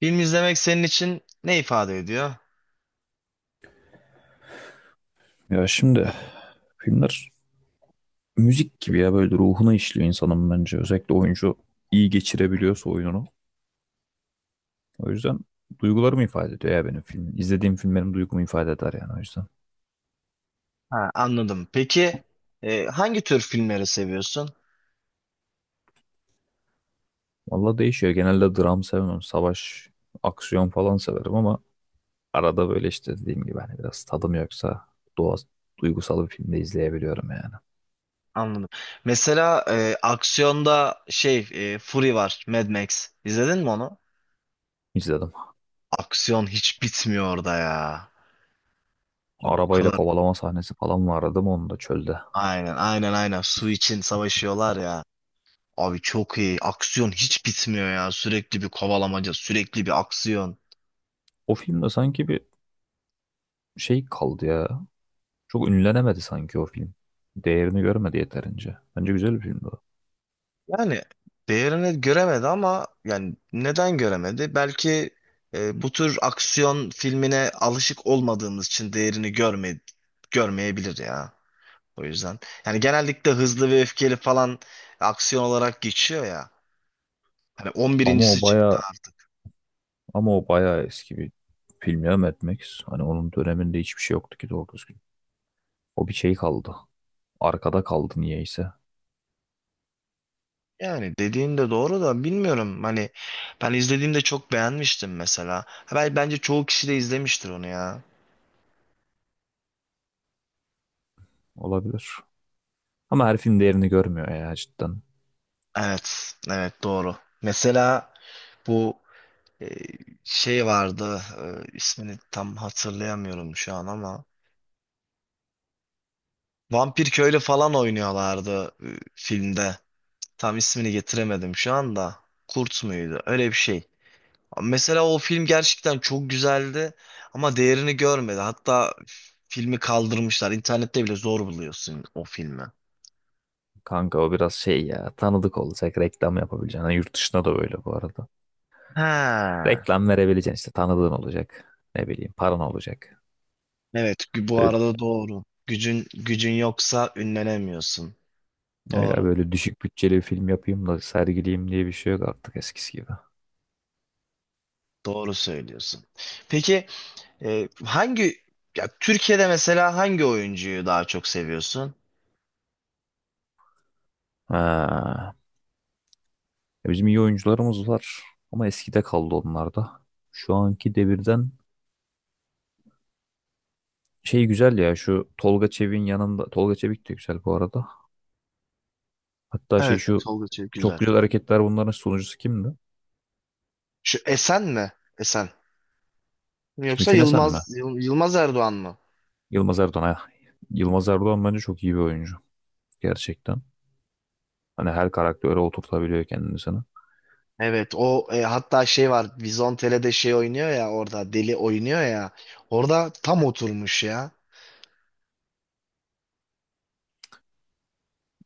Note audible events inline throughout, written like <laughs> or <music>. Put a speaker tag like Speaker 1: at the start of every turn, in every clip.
Speaker 1: Film izlemek senin için ne ifade ediyor?
Speaker 2: Ya şimdi filmler müzik gibi ya böyle ruhuna işliyor insanın bence. Özellikle oyuncu iyi geçirebiliyorsa oyununu. O yüzden duygularımı ifade ediyor ya benim filmim İzlediğim film benim duygumu ifade eder yani o yüzden.
Speaker 1: Ha, anladım. Peki, hangi tür filmleri seviyorsun?
Speaker 2: Valla değişiyor. Genelde dram sevmem. Savaş, aksiyon falan severim ama arada böyle işte dediğim gibi hani biraz tadım yoksa doğa duygusal bir filmde izleyebiliyorum yani.
Speaker 1: Anladım. Mesela aksiyonda Fury var, Mad Max. İzledin mi onu?
Speaker 2: İzledim.
Speaker 1: Aksiyon hiç bitmiyor orada ya. Abi o
Speaker 2: Arabayla
Speaker 1: kadar
Speaker 2: kovalama sahnesi falan vardı değil mi onun da çölde.
Speaker 1: aynen, aynen, aynen, su için savaşıyorlar ya. Abi çok iyi. Aksiyon hiç bitmiyor ya. Sürekli bir kovalamaca, sürekli bir aksiyon.
Speaker 2: O filmde sanki bir şey kaldı ya. Çok ünlenemedi sanki o film. Değerini görmedi yeterince. Bence güzel bir filmdi o.
Speaker 1: Yani değerini göremedi ama yani neden göremedi? Belki bu tür aksiyon filmine alışık olmadığımız için değerini görmeyebilir ya. O yüzden. Yani genellikle hızlı ve öfkeli falan aksiyon olarak geçiyor ya. Hani
Speaker 2: Ama o
Speaker 1: 11.si çıktı
Speaker 2: baya
Speaker 1: artık.
Speaker 2: ama o baya eski bir film ya Mad Max. Hani onun döneminde hiçbir şey yoktu ki doğru düzgün. O bir şey kaldı. Arkada kaldı niyeyse.
Speaker 1: Yani dediğin de doğru da bilmiyorum. Hani ben izlediğimde çok beğenmiştim mesela. Ha, bence çoğu kişi de izlemiştir onu ya.
Speaker 2: Olabilir. Ama her film değerini görmüyor ya cidden.
Speaker 1: Evet, evet, doğru. Mesela bu Ee, şey vardı, ismini tam hatırlayamıyorum şu an ama Vampir Köylü falan oynuyorlardı, filmde. Tam ismini getiremedim şu anda. Kurt muydu? Öyle bir şey. Mesela o film gerçekten çok güzeldi ama değerini görmedi. Hatta filmi kaldırmışlar. İnternette bile zor buluyorsun o filmi.
Speaker 2: Kanka o biraz şey ya tanıdık olacak reklam yapabileceksin. Hani yurt dışında da böyle bu arada.
Speaker 1: Ha.
Speaker 2: Reklam verebileceksin işte tanıdığın olacak. Ne bileyim paran olacak.
Speaker 1: Evet, bu
Speaker 2: Öyle.
Speaker 1: arada doğru. Gücün yoksa ünlenemiyorsun.
Speaker 2: Öyle
Speaker 1: Doğru.
Speaker 2: böyle düşük bütçeli bir film yapayım da sergileyim diye bir şey yok artık eskisi gibi.
Speaker 1: Doğru söylüyorsun. Peki, hangi ya Türkiye'de mesela hangi oyuncuyu daha çok seviyorsun?
Speaker 2: Ha. Ya bizim iyi oyuncularımız var ama eskide kaldı onlar da. Şu anki devirden şey güzel ya şu Tolga Çevik'in yanında Tolga Çevik de güzel bu arada. Hatta şey
Speaker 1: Evet,
Speaker 2: şu
Speaker 1: Tolga Çevik güzel.
Speaker 2: çok güzel hareketler bunların sunucusu kimdi?
Speaker 1: Şu Esen mi? Esen. Yoksa
Speaker 2: Timuçin Esen mi?
Speaker 1: Yılmaz Yılmaz Erdoğan mı?
Speaker 2: Yılmaz Erdoğan. Ha. Yılmaz Erdoğan bence çok iyi bir oyuncu gerçekten. Hani her karaktere oturtabiliyor kendini sana.
Speaker 1: Evet, o, hatta şey var. Vizontele'de şey oynuyor ya, orada deli oynuyor ya. Orada tam oturmuş ya.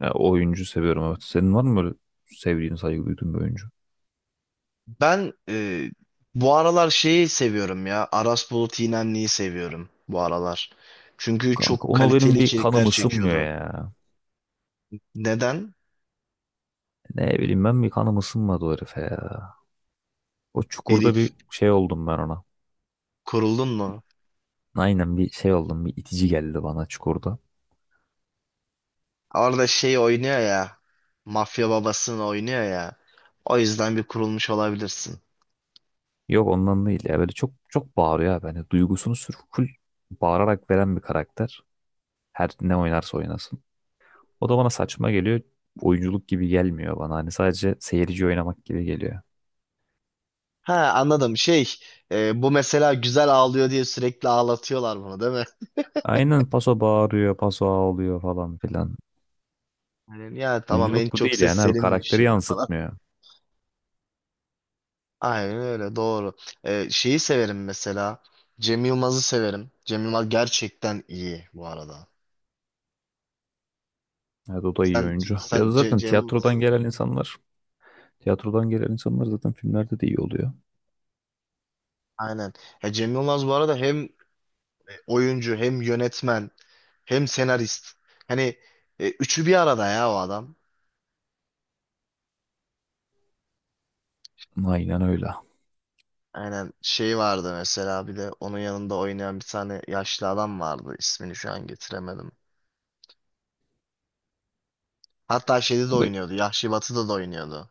Speaker 2: Ya, o oyuncu seviyorum evet. Senin var mı böyle sevdiğin, saygı duyduğun bir oyuncu?
Speaker 1: Ben, bu aralar şeyi seviyorum ya. Aras Bulut İynemli'yi seviyorum bu aralar. Çünkü
Speaker 2: Kanka
Speaker 1: çok
Speaker 2: ona
Speaker 1: kaliteli
Speaker 2: benim bir
Speaker 1: içerikler
Speaker 2: kanım ısınmıyor
Speaker 1: çekiyordu.
Speaker 2: ya.
Speaker 1: Neden?
Speaker 2: Ne bileyim ben bir kanım ısınmadı o herife ya. O çukurda
Speaker 1: Herif.
Speaker 2: bir şey oldum ben ona.
Speaker 1: Kuruldun mu?
Speaker 2: Aynen bir şey oldum bir itici geldi bana çukurda.
Speaker 1: Orada şey oynuyor ya. Mafya babasını oynuyor ya. O yüzden bir kurulmuş olabilirsin.
Speaker 2: Yok ondan değil ya böyle çok çok bağırıyor abi. Hani duygusunu sırf full bağırarak veren bir karakter. Her ne oynarsa oynasın. O da bana saçma geliyor. Oyunculuk gibi gelmiyor bana. Hani sadece seyirci oynamak gibi geliyor.
Speaker 1: Ha, anladım. Bu mesela güzel ağlıyor diye sürekli ağlatıyorlar bunu, değil mi?
Speaker 2: Aynen paso bağırıyor, paso ağlıyor falan filan.
Speaker 1: Yani, ya tamam, en
Speaker 2: Oyunculuk bu
Speaker 1: çok
Speaker 2: değil
Speaker 1: ses
Speaker 2: yani abi
Speaker 1: seninmiş
Speaker 2: karakteri
Speaker 1: ya falan.
Speaker 2: yansıtmıyor.
Speaker 1: Aynen öyle, doğru. Şeyi severim mesela. Cem Yılmaz'ı severim. Cem Yılmaz gerçekten iyi bu arada.
Speaker 2: Evet o da iyi
Speaker 1: Sen
Speaker 2: oyuncu. Ya da
Speaker 1: sen
Speaker 2: zaten
Speaker 1: Cem
Speaker 2: tiyatrodan
Speaker 1: Yılmaz'ı,
Speaker 2: gelen insanlar, tiyatrodan gelen insanlar zaten filmlerde de iyi oluyor.
Speaker 1: aynen. Ya Cem Yılmaz bu arada hem oyuncu, hem yönetmen, hem senarist. Hani üçü bir arada ya o adam.
Speaker 2: Aynen öyle.
Speaker 1: Aynen, şey vardı mesela, bir de onun yanında oynayan bir tane yaşlı adam vardı. İsmini şu an getiremedim. Hatta şeyde de
Speaker 2: Kanka,
Speaker 1: oynuyordu. Yahşi Batı'da da oynuyordu.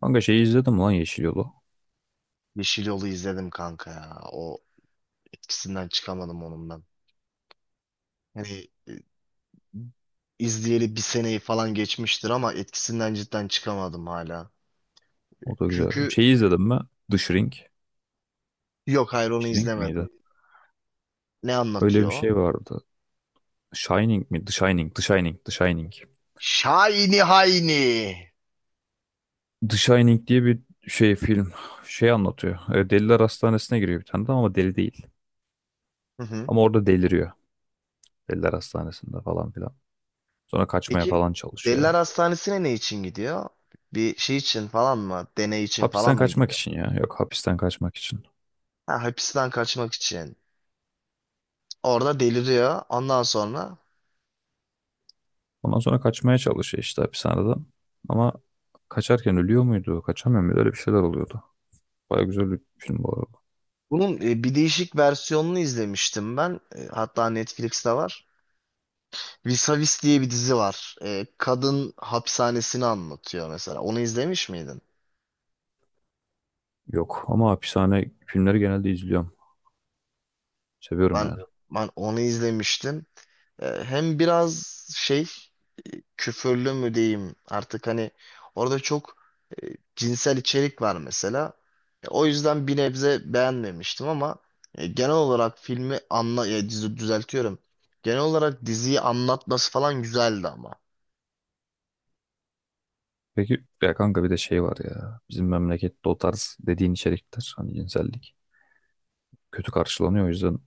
Speaker 2: kanka, şeyi izledim lan Yeşil Yolu.
Speaker 1: Yeşil Yol'u izledim kanka ya. O etkisinden çıkamadım onun ben. Hani izleyeli bir seneyi falan geçmiştir ama etkisinden cidden çıkamadım hala.
Speaker 2: O da güzel.
Speaker 1: Çünkü
Speaker 2: Şeyi izledim mi? The Shrink.
Speaker 1: yok, hayır, onu
Speaker 2: Shrink
Speaker 1: izlemedim.
Speaker 2: miydi?
Speaker 1: Ne
Speaker 2: Öyle
Speaker 1: anlatıyor
Speaker 2: bir
Speaker 1: o?
Speaker 2: şey vardı. Shining mi? The Shining, The Shining, The Shining.
Speaker 1: Şahini Hayni.
Speaker 2: The Shining diye bir şey film şey anlatıyor. E, Deliler Hastanesi'ne giriyor bir tane de ama deli değil.
Speaker 1: Hı hı.
Speaker 2: Ama orada deliriyor. Deliler Hastanesi'nde falan filan. Sonra kaçmaya
Speaker 1: Peki,
Speaker 2: falan
Speaker 1: Deliler
Speaker 2: çalışıyor.
Speaker 1: Hastanesi'ne ne için gidiyor? Bir şey için falan mı? Deney için falan
Speaker 2: Hapisten
Speaker 1: mı
Speaker 2: kaçmak
Speaker 1: gidiyor?
Speaker 2: için ya. Yok hapisten kaçmak için.
Speaker 1: Ha, hapisten kaçmak için. Orada deliriyor. Ondan sonra
Speaker 2: Ondan sonra kaçmaya çalışıyor işte hapishaneden. Ama kaçarken ölüyor muydu? Kaçamıyor muydu? Öyle bir şeyler oluyordu. Baya güzel bir film bu arada.
Speaker 1: bunun, bir değişik versiyonunu izlemiştim ben. Hatta Netflix'te var. Vis-a-Vis diye bir dizi var. Kadın hapishanesini anlatıyor mesela. Onu izlemiş miydin?
Speaker 2: Yok ama hapishane filmleri genelde izliyorum. Seviyorum
Speaker 1: Ben
Speaker 2: yani.
Speaker 1: ben onu izlemiştim. Hem biraz şey, küfürlü mü diyeyim artık, hani orada çok e, cinsel içerik var mesela. O yüzden bir nebze beğenmemiştim ama genel olarak dizi düzeltiyorum. Genel olarak diziyi anlatması falan güzeldi ama.
Speaker 2: Peki ya kanka bir de şey var ya. Bizim memlekette o tarz dediğin içerikler hani cinsellik kötü karşılanıyor. O yüzden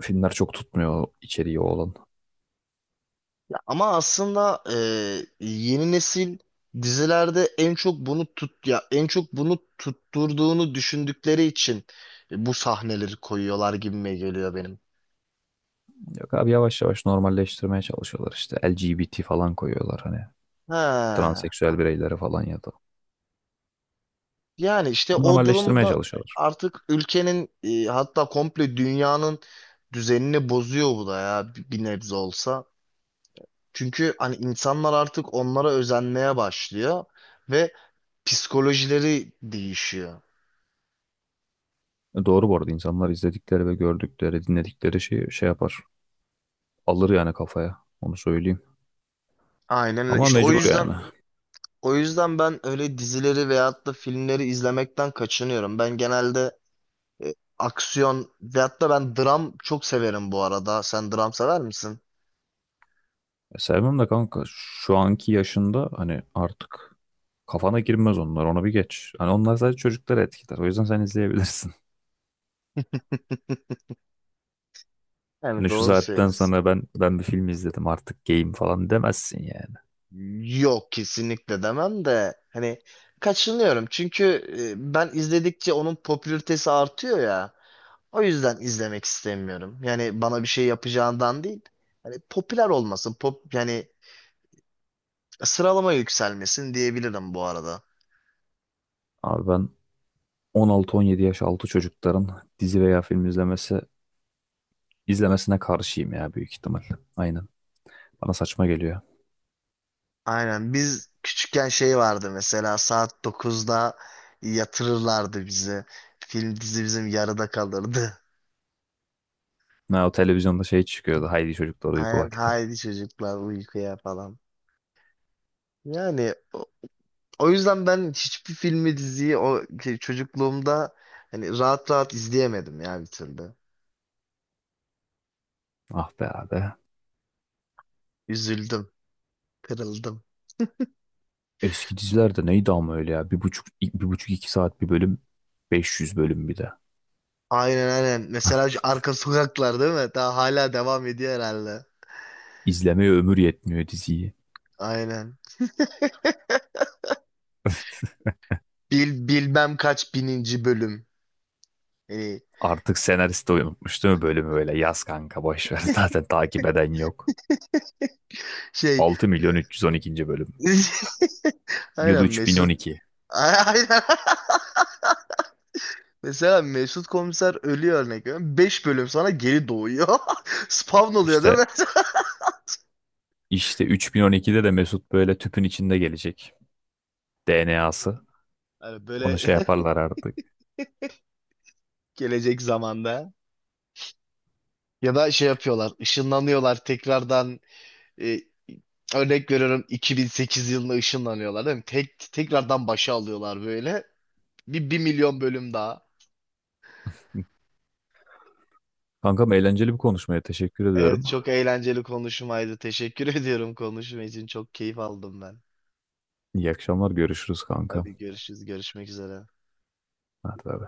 Speaker 2: filmler çok tutmuyor o içeriği olan.
Speaker 1: Ya, ama aslında yeni nesil dizilerde en çok bunu tutturduğunu düşündükleri için bu sahneleri koyuyorlar gibime geliyor benim.
Speaker 2: Yok abi yavaş yavaş normalleştirmeye çalışıyorlar işte. LGBT falan koyuyorlar hani.
Speaker 1: He.
Speaker 2: Transseksüel bireyleri falan ya da.
Speaker 1: Yani işte o
Speaker 2: Normalleştirmeye
Speaker 1: durumda
Speaker 2: çalışıyorlar.
Speaker 1: artık ülkenin, hatta komple dünyanın düzenini bozuyor bu da ya, bir nebze olsa. Çünkü hani insanlar artık onlara özenmeye başlıyor ve psikolojileri değişiyor.
Speaker 2: E, doğru bu arada insanlar izledikleri ve gördükleri, dinledikleri şeyi şey yapar. Alır yani kafaya. Onu söyleyeyim.
Speaker 1: Aynen öyle.
Speaker 2: Ama
Speaker 1: İşte o
Speaker 2: mecbur
Speaker 1: yüzden
Speaker 2: yani.
Speaker 1: o yüzden ben öyle dizileri veyahut da filmleri izlemekten kaçınıyorum. Ben genelde aksiyon veyahut da ben dram çok severim bu arada. Sen dram sever misin?
Speaker 2: E, sevmem de kanka şu anki yaşında hani artık kafana girmez onlar. Onu bir geç. Hani onlar sadece çocukları etkiler. O yüzden sen izleyebilirsin. <laughs>
Speaker 1: Yani
Speaker 2: Hani şu
Speaker 1: doğru
Speaker 2: saatten
Speaker 1: söylüyorsun.
Speaker 2: sonra ben bir film izledim artık game falan demezsin yani.
Speaker 1: Yok, kesinlikle demem de hani kaçınıyorum, çünkü ben izledikçe onun popülaritesi artıyor ya. O yüzden izlemek istemiyorum. Yani bana bir şey yapacağından değil. Hani popüler olmasın, yani sıralama yükselmesin diyebilirim bu arada.
Speaker 2: Abi ben 16-17 yaş altı çocukların dizi veya film izlemesine karşıyım ya büyük ihtimal. Aynen. Bana saçma geliyor.
Speaker 1: Aynen, biz küçükken şey vardı mesela, saat 9'da yatırırlardı bizi. Film dizi bizim yarıda kalırdı.
Speaker 2: Ha, o televizyonda şey çıkıyordu. Haydi çocuklar
Speaker 1: <laughs>
Speaker 2: uyku
Speaker 1: Aynen,
Speaker 2: vakti.
Speaker 1: haydi çocuklar uykuya falan. Yani, o yüzden ben hiçbir filmi, diziyi o şey, çocukluğumda hani rahat rahat izleyemedim ya bir türlü.
Speaker 2: Ah be abi.
Speaker 1: Üzüldüm, kırıldım.
Speaker 2: Eski dizilerde neydi ama öyle ya. Bir buçuk iki saat bir bölüm. 500 bölüm bir de.
Speaker 1: Aynen, aynen. Mesela şu Arka Sokaklar, değil mi? Daha hala devam ediyor herhalde.
Speaker 2: İzlemeye ömür yetmiyor diziyi.
Speaker 1: Aynen. Bilmem kaç bininci bölüm. Yani
Speaker 2: Artık senarist de unutmuş değil mi bölümü böyle? Yaz kanka boş ver. <laughs> Zaten takip eden yok.
Speaker 1: şey
Speaker 2: 6 milyon 312. bölüm.
Speaker 1: <laughs>
Speaker 2: Yıl
Speaker 1: aynen, Mesut.
Speaker 2: 3012.
Speaker 1: <laughs> Aynen. Mesela Mesut Komiser ölüyor, örnek veriyorum. 5 bölüm sonra geri doğuyor. <laughs> Spawn oluyor, değil
Speaker 2: İşte
Speaker 1: mi? <laughs>
Speaker 2: işte 3012'de de Mesut böyle tüpün içinde gelecek. DNA'sı.
Speaker 1: Hani
Speaker 2: Onu
Speaker 1: böyle
Speaker 2: şey yaparlar artık.
Speaker 1: <laughs> gelecek zamanda. Ya da şey yapıyorlar, ışınlanıyorlar tekrardan, e, örnek veriyorum, 2008 yılında ışınlanıyorlar değil mi? Tekrardan başa alıyorlar böyle. Bir milyon bölüm daha.
Speaker 2: Kankam eğlenceli bir konuşmaya teşekkür
Speaker 1: Evet,
Speaker 2: ediyorum.
Speaker 1: çok eğlenceli konuşmaydı. Teşekkür <laughs> ediyorum konuşma için. Çok keyif aldım ben.
Speaker 2: İyi akşamlar. Görüşürüz kanka.
Speaker 1: Hadi, görüşürüz. Görüşmek üzere.
Speaker 2: Hadi bay bay.